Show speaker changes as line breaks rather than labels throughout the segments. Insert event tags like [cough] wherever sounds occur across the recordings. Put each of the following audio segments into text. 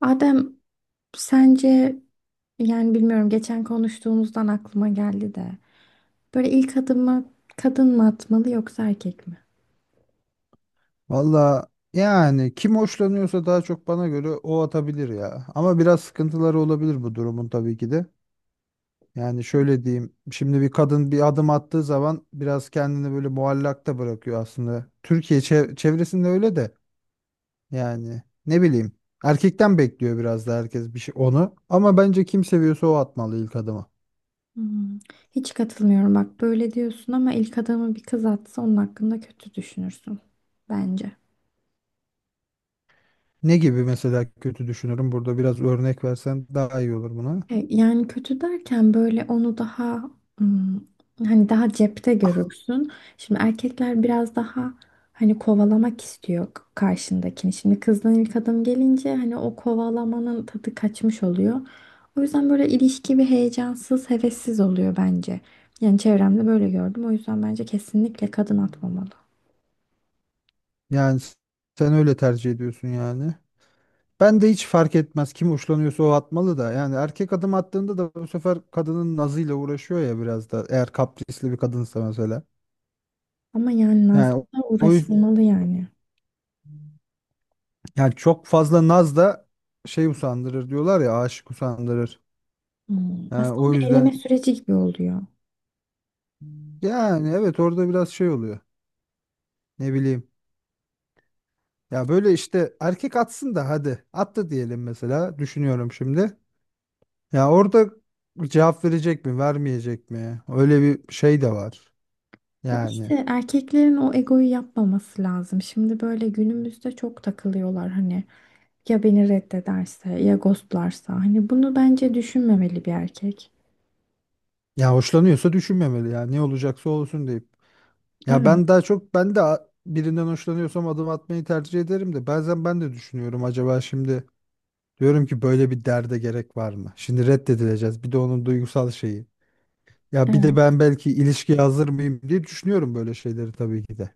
Adem, sence, yani bilmiyorum geçen konuştuğumuzdan aklıma geldi de böyle ilk adımı kadın mı atmalı yoksa erkek mi?
Valla yani kim hoşlanıyorsa daha çok bana göre o atabilir ya. Ama biraz sıkıntıları olabilir bu durumun tabii ki de. Yani şöyle diyeyim. Şimdi bir kadın bir adım attığı zaman biraz kendini böyle muallakta bırakıyor aslında. Türkiye çevresinde öyle de yani ne bileyim. Erkekten bekliyor biraz da herkes bir şey onu. Ama bence kim seviyorsa o atmalı ilk adımı.
Hmm. Hiç katılmıyorum, bak böyle diyorsun ama ilk adımı bir kız atsa onun hakkında kötü düşünürsün bence.
Ne gibi mesela kötü düşünürüm burada biraz örnek versen daha iyi olur buna.
Yani kötü derken böyle onu daha, hmm, hani daha cepte görürsün. Şimdi erkekler biraz daha hani kovalamak istiyor karşındakini. Şimdi kızdan ilk adım gelince hani o kovalamanın tadı kaçmış oluyor. O yüzden böyle ilişki bir heyecansız, hevessiz oluyor bence. Yani çevremde böyle gördüm. O yüzden bence kesinlikle kadın atmamalı.
Yani s- Sen öyle tercih ediyorsun yani. Ben de hiç fark etmez. Kim hoşlanıyorsa o atmalı da. Yani erkek adım attığında da bu sefer kadının nazıyla uğraşıyor ya biraz da. Eğer kaprisli bir kadınsa mesela.
Ama yani
Yani o
Nazlı'da
o yüzden
uğraşılmalı yani.
yani çok fazla naz da şey usandırır diyorlar ya aşık usandırır.
Hmm.
Yani
Aslında
o
bir
yüzden
eleme süreci gibi oluyor.
yani evet orada biraz şey oluyor. Ne bileyim. Ya böyle işte erkek atsın da hadi. Attı diyelim mesela. Düşünüyorum şimdi. Ya orada cevap verecek mi, vermeyecek mi? Öyle bir şey de var.
Ya
Yani.
işte erkeklerin o egoyu yapmaması lazım. Şimdi böyle günümüzde çok takılıyorlar, hani ya beni reddederse, ya ghostlarsa, hani bunu bence düşünmemeli bir erkek.
Ya hoşlanıyorsa düşünmemeli ya. Ne olacaksa olsun deyip. Ya
Evet,
ben daha çok ben de a- birinden hoşlanıyorsam adım atmayı tercih ederim de bazen ben de düşünüyorum acaba şimdi diyorum ki böyle bir derde gerek var mı? Şimdi reddedileceğiz. Bir de onun duygusal şeyi. Ya bir de
evet.
ben belki ilişkiye hazır mıyım diye düşünüyorum böyle şeyleri tabii ki de.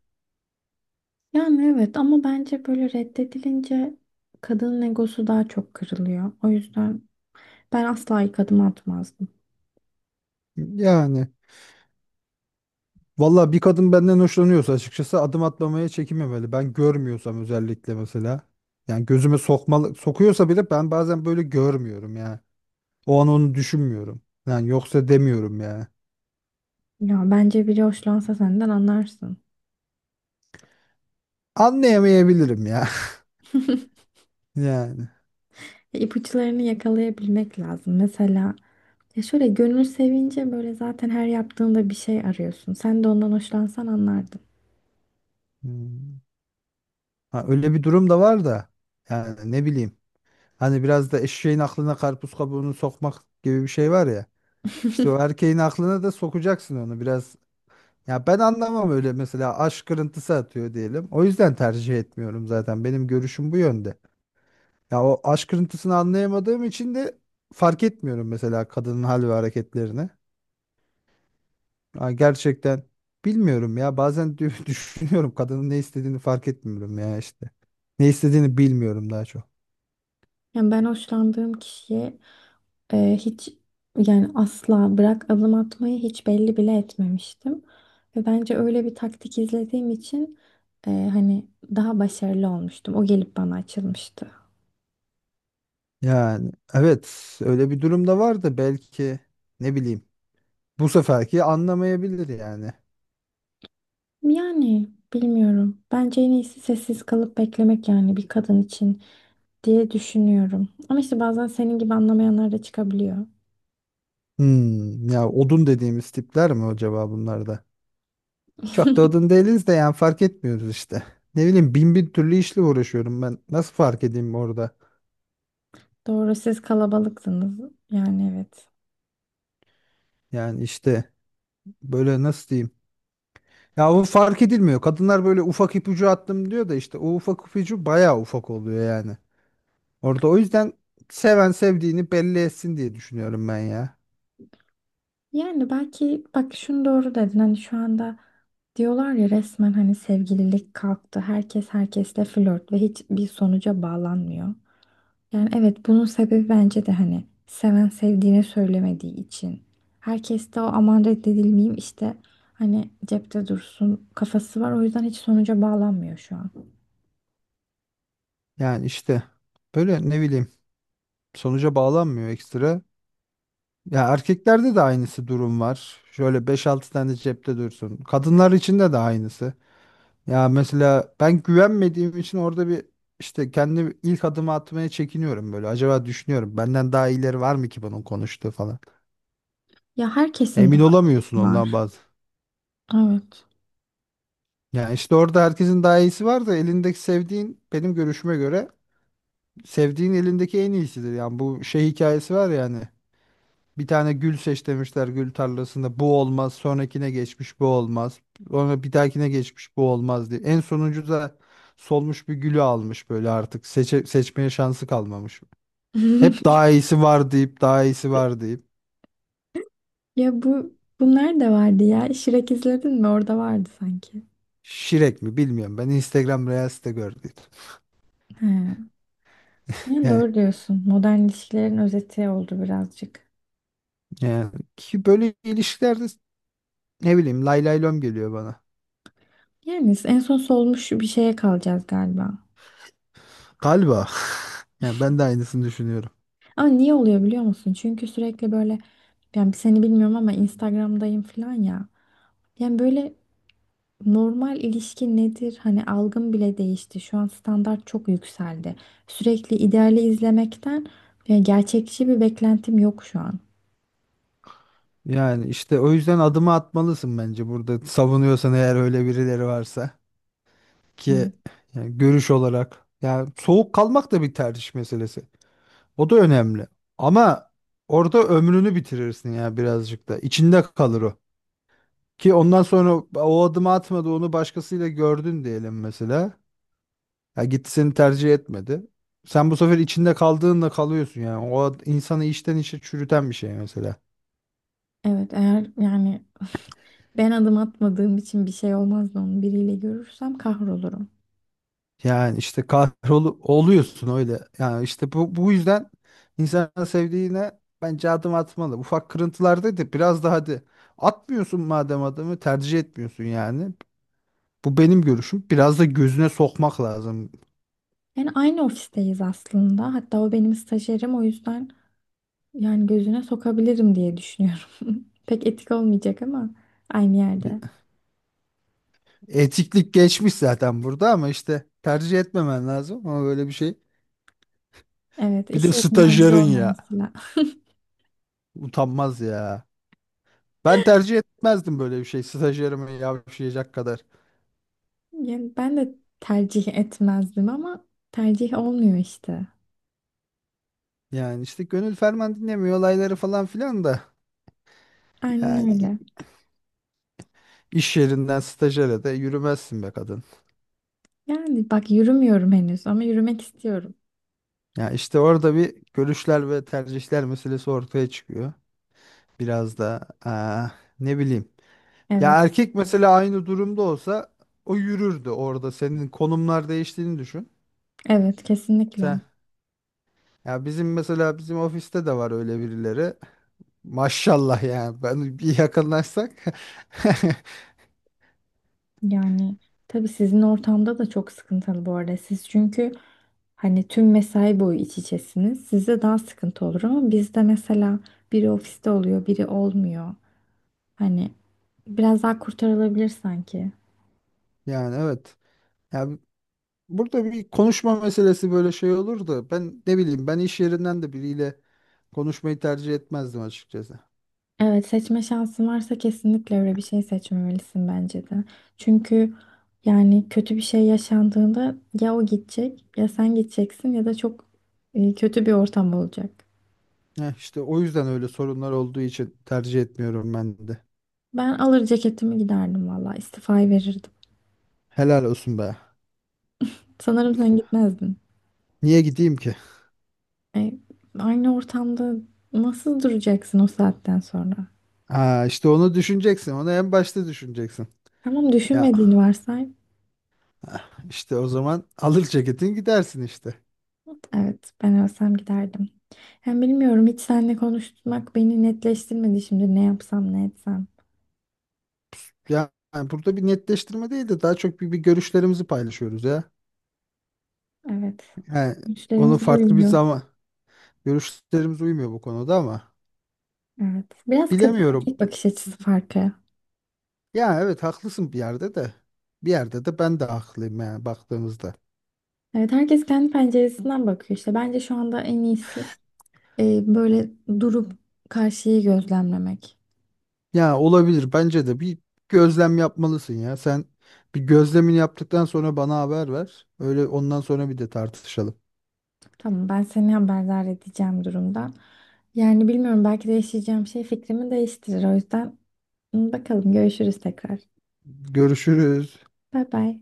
Yani evet, ama bence böyle reddedilince kadının egosu daha çok kırılıyor. O yüzden ben asla ilk adım atmazdım.
Yani valla bir kadın benden hoşlanıyorsa açıkçası adım atmamaya çekinmemeli. Ben görmüyorsam özellikle mesela. Yani gözüme sokmalı sokuyorsa bile ben bazen böyle görmüyorum ya. O an onu düşünmüyorum. Yani yoksa demiyorum ya.
Ya bence biri hoşlansa senden anlarsın.
Anlayamayabilirim ya.
[laughs]
[laughs] Yani.
ipuçlarını yakalayabilmek lazım. Mesela ya şöyle, gönül sevince böyle zaten her yaptığında bir şey arıyorsun. Sen de ondan hoşlansan anlardın.
Hmm. Ha, öyle bir durum da var da. Yani ne bileyim. Hani biraz da eşeğin aklına karpuz kabuğunu sokmak gibi bir şey var ya. İşte o
[laughs]
erkeğin aklına da sokacaksın onu biraz. Ya ben anlamam öyle mesela aşk kırıntısı atıyor diyelim. O yüzden tercih etmiyorum zaten. Benim görüşüm bu yönde. Ya o aşk kırıntısını anlayamadığım için de fark etmiyorum mesela kadının hal ve hareketlerini. Ya gerçekten bilmiyorum ya. Bazen [laughs] düşünüyorum kadının ne istediğini fark etmiyorum ya işte. Ne istediğini bilmiyorum daha çok.
Yani ben hoşlandığım kişiye e, hiç yani asla, bırak adım atmayı, hiç belli bile etmemiştim. Ve bence öyle bir taktik izlediğim için, hani daha başarılı olmuştum. O gelip bana açılmıştı.
Yani evet öyle bir durumda vardı belki ne bileyim. Bu seferki anlamayabilir yani.
Yani bilmiyorum. Bence en iyisi sessiz kalıp beklemek yani bir kadın için, diye düşünüyorum. Ama işte bazen senin gibi anlamayanlar da çıkabiliyor.
Hmm, ya odun dediğimiz tipler mi acaba bunlar da? Çok da
[laughs]
odun değiliz de yani fark etmiyoruz işte. Ne bileyim bin bir türlü işle uğraşıyorum ben. Nasıl fark edeyim orada?
Doğru, siz kalabalıksınız. Yani evet.
Yani işte böyle nasıl diyeyim? Ya o fark edilmiyor. Kadınlar böyle ufak ipucu attım diyor da işte o ufak ipucu bayağı ufak oluyor yani. Orada o yüzden seven sevdiğini belli etsin diye düşünüyorum ben ya.
Yani belki bak, şunu doğru dedin. Hani şu anda diyorlar ya, resmen hani sevgililik kalktı. Herkes herkesle flört ve hiçbir sonuca bağlanmıyor. Yani evet, bunun sebebi bence de hani seven sevdiğine söylemediği için. Herkes de o aman reddedilmeyeyim işte, hani cepte dursun kafası var. O yüzden hiç sonuca bağlanmıyor şu an.
Yani işte böyle ne bileyim sonuca bağlanmıyor ekstra. Ya erkeklerde de aynısı durum var. Şöyle beş altı tane cepte dursun. Kadınlar için de de aynısı. Ya mesela ben güvenmediğim için orada bir işte kendi ilk adımı atmaya çekiniyorum böyle. Acaba düşünüyorum benden daha iyileri var mı ki bunun konuştuğu falan.
Ya herkesin
Emin
daha
olamıyorsun ondan
var.
bazı.
Evet.
Ya işte orada herkesin daha iyisi var da elindeki sevdiğin benim görüşüme göre sevdiğin elindeki en iyisidir. Yani bu şey hikayesi var yani. Bir tane gül seç demişler gül tarlasında. Bu olmaz. Sonrakine geçmiş bu olmaz. Sonra bir dahakine geçmiş bu olmaz diye. En sonuncu da solmuş bir gülü almış böyle artık. Seçmeye şansı kalmamış. Hep
[laughs]
daha iyisi var deyip daha iyisi var deyip.
Ya bu, bunlar da vardı ya. Shrek izledin mi? Orada vardı sanki.
Şirek mi bilmiyorum. Ben Instagram Reels'te gördüm. [laughs]
He. Yani
Yani,
doğru diyorsun. Modern ilişkilerin özeti oldu birazcık.
yani ki böyle ilişkilerde ne bileyim lay lay lom geliyor bana.
Yani en son solmuş bir şeye kalacağız galiba.
Galiba. [laughs] Yani ben de aynısını düşünüyorum.
Ama niye oluyor biliyor musun? Çünkü sürekli böyle, yani seni bilmiyorum ama Instagram'dayım falan ya. Yani böyle, normal ilişki nedir? Hani algım bile değişti. Şu an standart çok yükseldi. Sürekli ideali izlemekten, yani gerçekçi bir beklentim yok şu an.
Yani işte o yüzden adımı atmalısın bence burada savunuyorsan eğer öyle birileri varsa ki yani görüş olarak yani soğuk kalmak da bir tercih meselesi. O da önemli. Ama orada ömrünü bitirirsin ya birazcık da. İçinde kalır o. Ki ondan sonra o adımı atmadı onu başkasıyla gördün diyelim mesela. Ya gitti seni tercih etmedi. Sen bu sefer içinde kaldığınla kalıyorsun yani. İnsanı içten içe çürüten bir şey mesela.
Evet eğer yani [laughs] ben adım atmadığım için bir şey olmaz da onu biriyle görürsem kahrolurum.
Yani işte kahrolu oluyorsun öyle. Yani işte bu yüzden insan sevdiğine bence adım atmalı. Ufak kırıntılarda da biraz daha hadi atmıyorsun madem adımı tercih etmiyorsun yani. Bu benim görüşüm. Biraz da gözüne sokmak lazım.
Yani aynı ofisteyiz aslında. Hatta o benim stajyerim, o yüzden yani gözüne sokabilirim diye düşünüyorum. [laughs] Pek etik olmayacak ama aynı yerde.
Bir- Etiklik geçmiş zaten burada ama işte tercih etmemen lazım ama böyle bir şey.
Evet,
Bir de
iş yerinden biri
stajyerin ya.
olmamasıyla. [laughs]
Utanmaz ya. Ben tercih etmezdim böyle bir şey. Stajyerime yavşayacak kadar.
Yani ben de tercih etmezdim ama tercih olmuyor işte.
Yani işte gönül ferman dinlemiyor olayları falan filan da.
Aynen
Yani
öyle.
iş yerinden stajyere de yürümezsin be kadın.
Yani bak, yürümüyorum henüz ama yürümek istiyorum.
Ya işte orada bir görüşler ve tercihler meselesi ortaya çıkıyor. Biraz da ne bileyim. Ya
Evet,
erkek mesela aynı durumda olsa o yürürdü orada. Senin konumlar değiştiğini düşün.
evet kesinlikle.
Sen ya bizim mesela ofiste de var öyle birileri. Maşallah yani ben bir yakınlaşsak. [laughs]
Yani tabii sizin ortamda da çok sıkıntılı bu arada. Siz çünkü hani tüm mesai boyu iç içesiniz. Size daha sıkıntı olur ama bizde mesela biri ofiste oluyor, biri olmuyor. Hani biraz daha kurtarılabilir sanki.
Yani evet. Ya burada bir konuşma meselesi böyle şey olur da ben ne bileyim ben iş yerinden de biriyle konuşmayı tercih etmezdim açıkçası.
Evet, seçme şansın varsa kesinlikle öyle bir şey seçmemelisin bence de. Çünkü yani kötü bir şey yaşandığında ya o gidecek, ya sen gideceksin, ya da çok kötü bir ortam olacak.
Heh, işte o yüzden öyle sorunlar olduğu için tercih etmiyorum ben de.
Ben alır ceketimi giderdim, valla istifayı verirdim.
Helal olsun be.
Sanırım sen gitmezdin.
Niye gideyim ki?
E, aynı ortamda nasıl duracaksın o saatten sonra?
İşte onu düşüneceksin. Onu en başta düşüneceksin.
Tamam,
Ya
düşünmediğini varsay.
işte o zaman alır ceketin gidersin işte.
Evet, ben ölsem giderdim. Hem bilmiyorum, hiç seninle konuşmak beni netleştirmedi şimdi ne yapsam ne etsem.
Ya yani burada bir netleştirme değil de daha çok bir görüşlerimizi paylaşıyoruz ya.
Evet.
Yani onu
Güçlerimiz
farklı bir
uymuyor.
zaman görüşlerimiz uymuyor bu konuda ama
Evet. Biraz kadın
bilemiyorum.
erkek bakış açısı farkı.
Ya evet haklısın bir yerde de. Bir yerde de ben de haklıyım yani baktığımızda.
Evet, herkes kendi penceresinden bakıyor işte. Bence şu anda en iyisi böyle durup karşıyı gözlemlemek.
Ya olabilir bence de bir gözlem yapmalısın ya. Sen bir gözlemini yaptıktan sonra bana haber ver. Öyle ondan sonra bir de tartışalım.
Tamam, ben seni haberdar edeceğim durumdan. Yani bilmiyorum, belki değişeceğim şey fikrimi değiştirir. O yüzden hı, bakalım, görüşürüz tekrar.
Görüşürüz.
Bay bay.